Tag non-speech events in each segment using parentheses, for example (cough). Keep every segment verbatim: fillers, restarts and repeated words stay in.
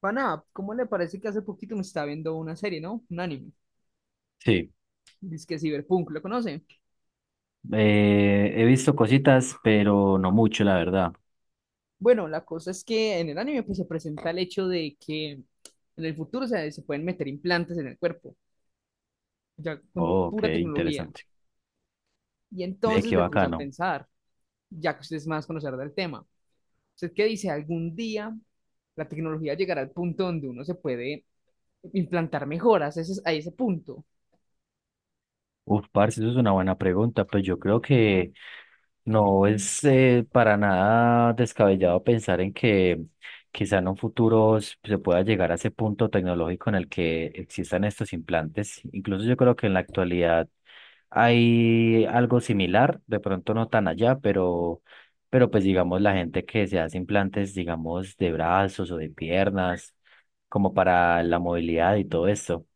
Pana, ¿cómo le parece que hace poquito me estaba viendo una serie, ¿no? Un anime. Sí, Dice que Cyberpunk, ¿lo conoce? eh, he visto cositas, pero no mucho, la verdad. Bueno, la cosa es que en el anime pues, se presenta el hecho de que en el futuro se, se pueden meter implantes en el cuerpo, ya con Oh, pura qué tecnología. interesante. Y Ve, entonces qué me puse a bacano. pensar, ya que usted es más conocedor del tema, ¿usted qué dice? ¿Algún día la tecnología llegará al punto donde uno se puede implantar mejoras? Ese es- a ese punto. Uf, parce, eso es una buena pregunta. Pues yo creo que no es eh, para nada descabellado pensar en que quizá en un futuro s- se pueda llegar a ese punto tecnológico en el que existan estos implantes. Incluso yo creo que en la actualidad hay algo similar, de pronto no tan allá, pero, pero pues digamos la gente que se hace implantes, digamos, de brazos o de piernas, como para la movilidad y todo esto.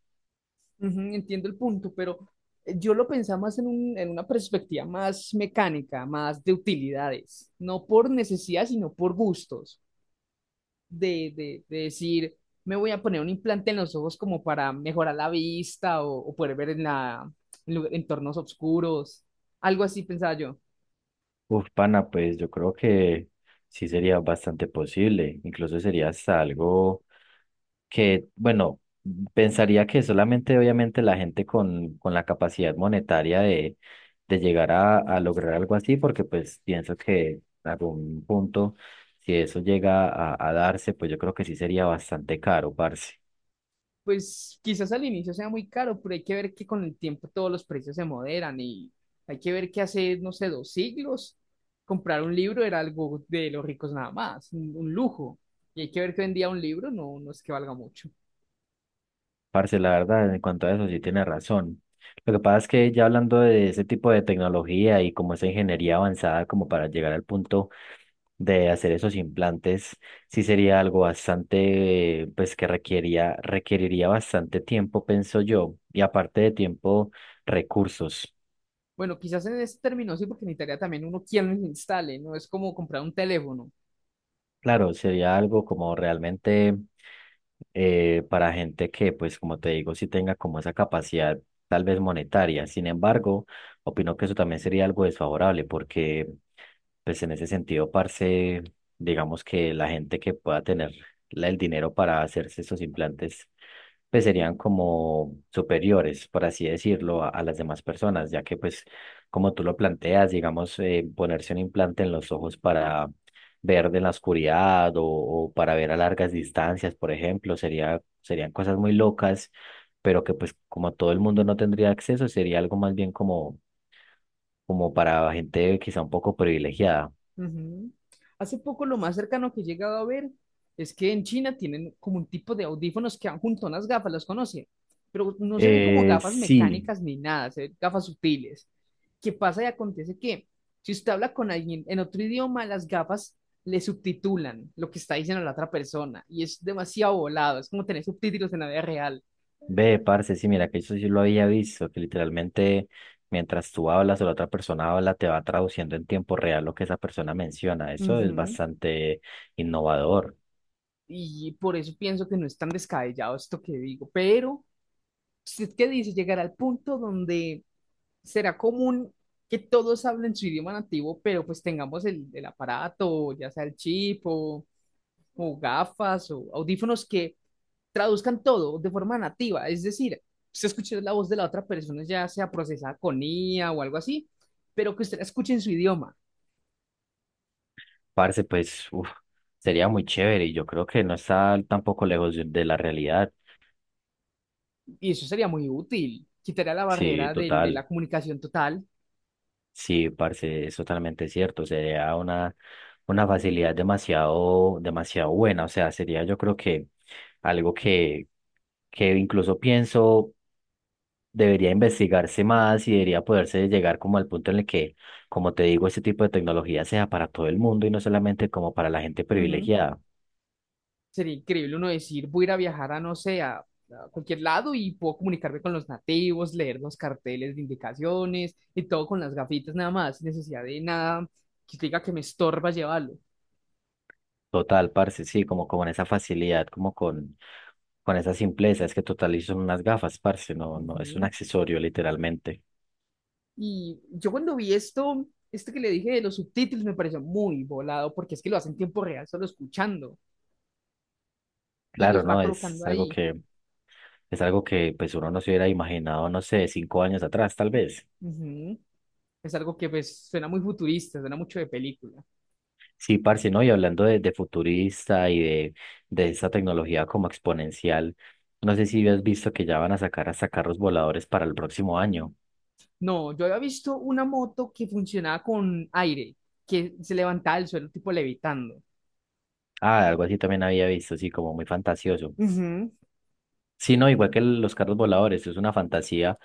Ujú, entiendo el punto, pero eh, yo lo pensaba más en un- en una perspectiva más mecánica, más de utilidades, no por necesidad, sino por gustos, de, de- de decir, me voy a poner un implante en los ojos como para mejorar la vista o, o poder ver en la, en lu- entornos oscuros, algo así pensaba yo. Uf, pana, pues yo creo que sí sería bastante posible, incluso sería hasta algo que, bueno, pensaría que solamente obviamente la gente con, con la capacidad monetaria de, de llegar a, a lograr algo así, porque pues pienso que en algún punto, si eso llega a, a darse, pues yo creo que sí sería bastante caro, parce. Pues quizás al inicio sea muy caro, pero hay que ver que con el tiempo todos los precios se moderan y hay que ver que hace, no sé, dos siglos comprar un libro era algo de los ricos nada más, un, un lujo. Y hay que ver que hoy en día un libro no, no es que valga mucho. Parce, la verdad, en cuanto a eso sí tiene razón. Lo que pasa es que ya hablando de ese tipo de tecnología y como esa ingeniería avanzada como para llegar al punto de hacer esos implantes sí sería algo bastante, pues que requería, requeriría bastante tiempo, pienso yo, y aparte de tiempo, recursos. Bueno, quizás en ese término sí, porque necesitaría también uno quien lo instale, no es como comprar un teléfono. Claro, sería algo como realmente eh, para gente que, pues como te digo, sí tenga como esa capacidad tal vez monetaria. Sin embargo, opino que eso también sería algo desfavorable porque, pues en ese sentido, parce, digamos que la gente que pueda tener la- el dinero para hacerse esos implantes pues serían como superiores, por así decirlo, a, a las demás personas, ya que pues como tú lo planteas, digamos, eh, ponerse un implante en los ojos para ver de la oscuridad o, o para ver a largas distancias, por ejemplo, sería, serían cosas muy locas, pero que pues como todo el mundo no tendría acceso, sería algo más bien como, como para gente quizá un poco privilegiada. Ujú. Hace poco lo más cercano que he llegado a ver es que en China tienen como un tipo de audífonos que van junto a unas gafas, las conocen, pero no se ven como Eh, gafas sí. mecánicas ni nada, se ven gafas sutiles. ¿Qué pasa y acontece que si usted habla con alguien en otro idioma, las gafas le subtitulan lo que está diciendo la otra persona y es demasiado volado, es como tener subtítulos en la vida real. Ve, parce, sí, mira, que eso sí lo había visto, que literalmente mientras tú hablas o la otra persona habla, te va traduciendo en tiempo real lo que esa persona menciona. Eso es Ujú. bastante innovador. Y por eso pienso que no es tan descabellado esto que digo, pero ¿usted qué dice? Llegar al punto donde será común que todos hablen su idioma nativo, pero pues tengamos el, el aparato, ya sea el chip o, o gafas o audífonos que traduzcan todo de forma nativa, es decir, usted escuche la voz de la otra persona, ya sea procesada con I A o algo así, pero que usted la escuche en su idioma, Parce, pues, uf, sería muy chévere y yo creo que no está tampoco lejos de de la realidad. y eso sería muy útil, quitaría la Sí, barrera del- de, total. la comunicación total. Sí, parce, es totalmente cierto. Sería una, una facilidad demasiado, demasiado buena. O sea, sería yo creo que algo que, que incluso pienso debería investigarse más y debería poderse llegar como al punto en el que, como te digo, este tipo de tecnología sea para todo el mundo y no solamente como para la gente Ujú. privilegiada. Sería increíble uno decir, voy a ir a viajar a, no sé, a, a cualquier lado y puedo comunicarme con los nativos, leer los carteles de indicaciones y todo con las gafitas nada más, sin necesidad de nada que diga que me estorba llevarlo. Total, parce, sí, como con esa facilidad, como con, con esa simpleza, es que total y son unas gafas, parce, no, no, es un Ujú. accesorio literalmente. Y yo cuando vi esto, esto que le dije de los subtítulos me pareció muy volado porque es que lo hacen en tiempo real solo escuchando y Claro, los va ¿no? colocando Es algo ahí. que, es algo que pues uno no se hubiera imaginado, no sé, cinco años atrás, tal vez. Ujú. Es algo que pues suena muy futurista, suena mucho de película. Sí, parce, ¿no? Y hablando de, de futurista y de, de esa tecnología como exponencial, no sé si has visto que ya van a sacar hasta carros voladores para el próximo año. No, yo había visto una moto que funcionaba con aire, que se levantaba del suelo tipo levitando. Ah, algo así también había visto, sí, como muy fantasioso. Ujú. Sí, no, igual que el- los carros voladores, es una fantasía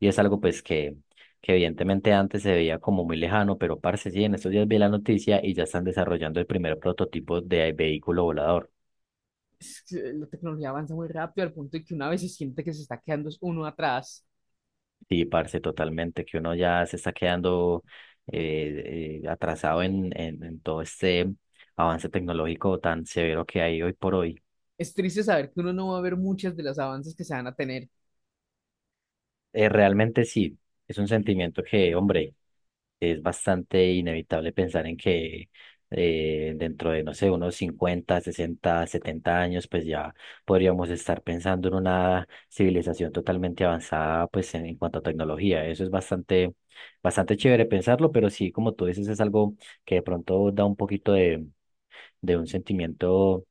y es algo pues que, que evidentemente antes se veía como muy lejano, pero parce, sí, en estos días vi la noticia y ya están desarrollando el primer prototipo de vehículo volador. Es que la tecnología avanza muy rápido al punto de que una vez se siente que se está quedando uno atrás. Sí, parce, totalmente, que uno ya se está quedando eh, eh, atrasado en, en, en todo este avance tecnológico tan severo que hay hoy por hoy. Es triste saber que uno no va a ver muchas de las avances que se van a tener. Eh, realmente sí, es un sentimiento que, hombre, es bastante inevitable pensar en que eh, dentro de, no sé, unos cincuenta sesenta setenta años, pues ya podríamos estar pensando en una civilización totalmente avanzada, pues en, en cuanto a tecnología. Eso es bastante, bastante chévere pensarlo, pero sí, como tú dices, es algo que de pronto da un poquito de de un sentimiento un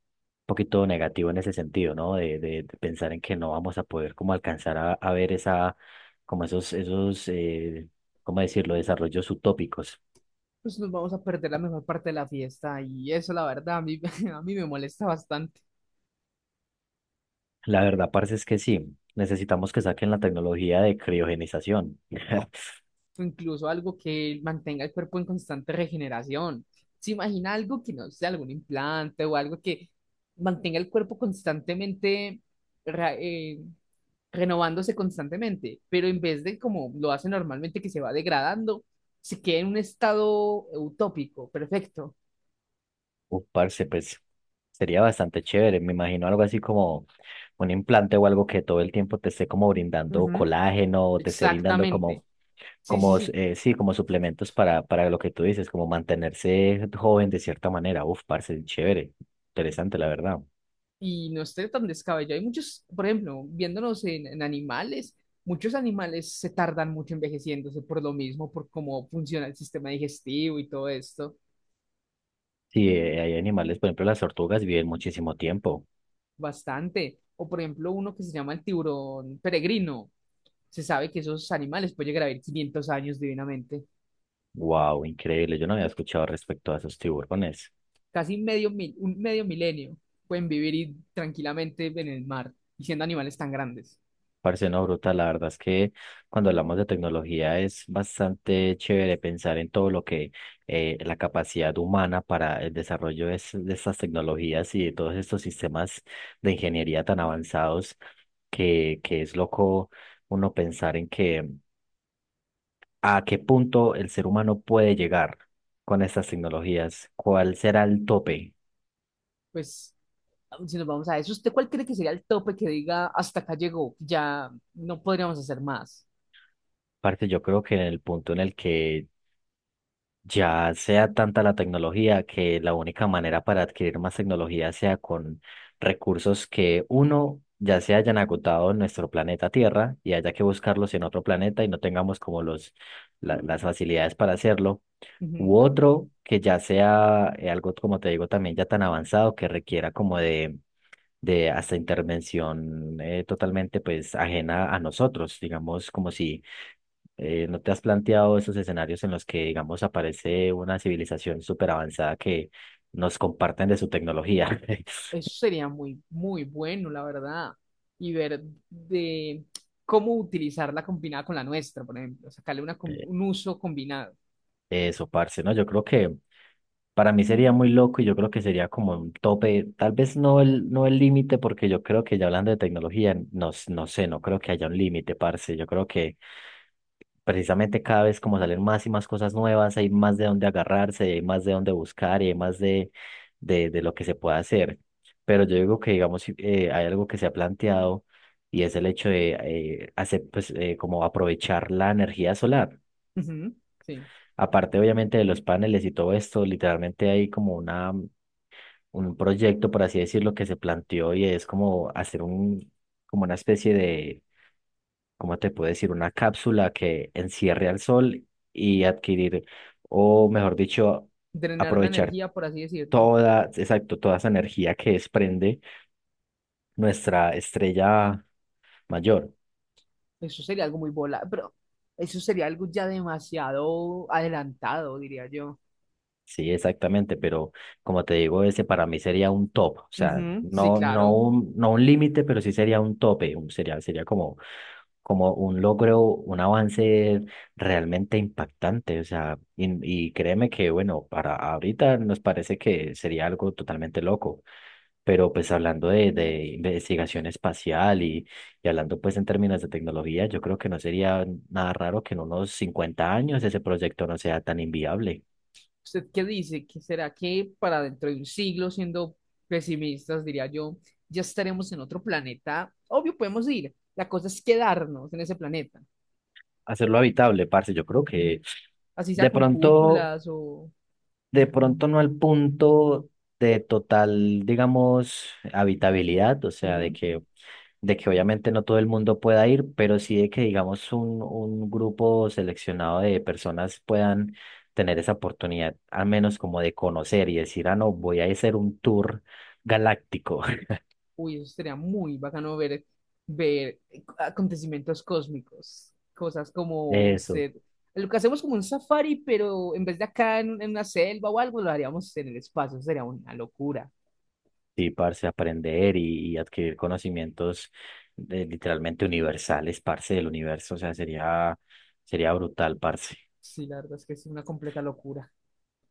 poquito negativo en ese sentido, ¿no? De, de, de pensar en que no vamos a poder como alcanzar a, a ver esa, como esos, esos, eh, ¿cómo decirlo? Desarrollos utópicos. Pues nos vamos a perder la mejor parte de la fiesta y eso, la verdad, a mí, (laughs) a mí me molesta bastante. La verdad, parce, es que sí, necesitamos que saquen la tecnología de criogenización. (laughs) O incluso algo que mantenga el cuerpo en constante regeneración. ¿Se imagina algo que no sea algún implante o algo que mantenga el cuerpo constantemente ra- eh, renovándose constantemente, pero en vez de como lo hace normalmente que se va degradando, se queda en un estado utópico, perfecto. Uf, parce, pues sería bastante chévere. Me imagino algo así como un implante o algo que todo el tiempo te esté como brindando Ujú, colágeno o te esté brindando exactamente. como Sí, sí, como, sí. eh, sí, como suplementos para, para lo que tú dices, como mantenerse joven de cierta manera. Uf, parce, chévere, interesante, la verdad. Y no esté tan descabellado. Hay muchos, por ejemplo, viéndonos en, en animales, muchos animales se tardan mucho envejeciéndose por lo mismo, por cómo funciona el sistema digestivo y todo esto, Sí, eh, hay animales, por ejemplo, las tortugas viven muchísimo tiempo. bastante. O por ejemplo, uno que se llama el tiburón peregrino. Se sabe que esos animales pueden llegar a vivir quinientos años divinamente, Wow, increíble. Yo no había escuchado respecto a esos tiburones. casi medio mil, un medio milenio. Pueden vivir y- tranquilamente en el mar y siendo animales tan grandes. Parce, no, brutal, la verdad es que cuando hablamos de tecnología es bastante chévere pensar en todo lo que eh, la capacidad humana para el desarrollo de, es- de estas tecnologías y de todos estos sistemas de ingeniería tan avanzados que, que es loco uno pensar en que a qué punto el ser humano puede llegar con estas tecnologías, cuál será el tope. Pues si nos vamos a eso, ¿usted cuál cree que sería el tope que diga hasta acá llegó? Ya no podríamos hacer más. Parte, yo creo que en el punto en el que ya sea tanta la tecnología que la única manera para adquirir más tecnología sea con recursos que uno ya se hayan agotado en nuestro planeta Tierra y haya que buscarlos en otro planeta y no tengamos como los, la- las facilidades para hacerlo, Ujú. u otro que ya sea eh, algo, como te digo, también ya tan avanzado que requiera como de, de hasta intervención eh, totalmente pues ajena a nosotros, digamos como si eh, ¿no te has planteado esos escenarios en los que, digamos, aparece una civilización súper avanzada que nos comparten de su tecnología? (laughs) Eso sería muy, muy bueno, la verdad. Y ver de cómo utilizarla combinada con la nuestra, por ejemplo, sacarle una, com- Eh, un uso combinado. eso, parce, ¿no? Yo creo que para mí sería muy loco y yo creo que sería como un tope, tal vez no el, no el límite, porque yo creo que ya hablando de tecnología, no, s- no sé, no creo que haya un límite, parce. Yo creo que precisamente cada vez como salen más y más cosas nuevas, hay más de dónde agarrarse, hay más de dónde buscar y hay más de, de, de lo que se puede hacer. Pero yo digo que, digamos, si, eh, hay algo que se ha planteado y es el hecho de eh, hacer, pues, eh, como aprovechar la energía solar. Ujú, sí. Aparte, obviamente, de los paneles y todo esto, literalmente hay como una, un proyecto, por así decirlo, que se planteó y es como hacer un, como una especie de ¿cómo te puedo decir? Una cápsula que encierre al sol y adquirir, o mejor dicho, Drenar la aprovechar energía, por así decirlo. toda, exacto, toda esa energía que desprende nuestra estrella mayor. Eso sería algo muy volado, pero eso sería algo ya demasiado adelantado, diría yo. Sí, exactamente, pero como te digo, ese para mí sería un top, o sea, Ujú, sí, no, no claro. un, no un límite, pero sí sería un tope, un- sería, sería como como un logro, un avance realmente impactante. O sea, y, y créeme que, bueno, para ahorita nos parece que sería algo totalmente loco, pero pues hablando de, de investigación espacial y, y hablando pues en términos de tecnología, yo creo que no sería nada raro que en unos cincuenta años ese proyecto no sea tan inviable. ¿Usted qué dice? ¿Que será que para dentro de un siglo, siendo pesimistas, diría yo, ya estaremos en otro planeta? Obvio, podemos ir. La cosa es quedarnos en ese planeta. Hacerlo habitable, parce, yo creo que Así sea de con pronto, cúpulas o... de pronto no al punto de total, digamos, habitabilidad, o sea, de Ujú. que de que obviamente no todo el mundo pueda ir, pero sí de que digamos un, un grupo seleccionado de personas puedan tener esa oportunidad, al menos como de conocer y decir, ah, no, voy a hacer un tour galáctico. (laughs) Uy, eso sería muy bacano ver, ver acontecimientos cósmicos. Cosas como un... Eso, usted- lo que hacemos como un safari, pero en vez de acá en, en una selva o algo, lo haríamos en el espacio. Sería una locura. sí, parce, aprender y, y adquirir conocimientos de- literalmente universales, parce, del universo, o sea, sería, sería brutal, parce. Sí, la verdad es que es una completa locura.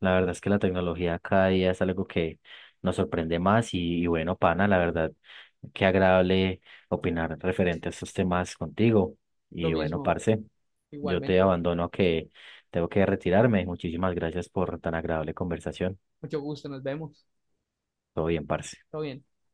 La verdad es que la tecnología cada día es algo que nos sorprende más y, y bueno, pana, la verdad, qué agradable opinar referente a estos temas contigo. Lo Y bueno, mismo, parce, yo te igualmente. abandono que tengo que retirarme. Muchísimas gracias por tan agradable conversación. Mucho gusto, nos vemos. Todo bien, parce. Todo bien.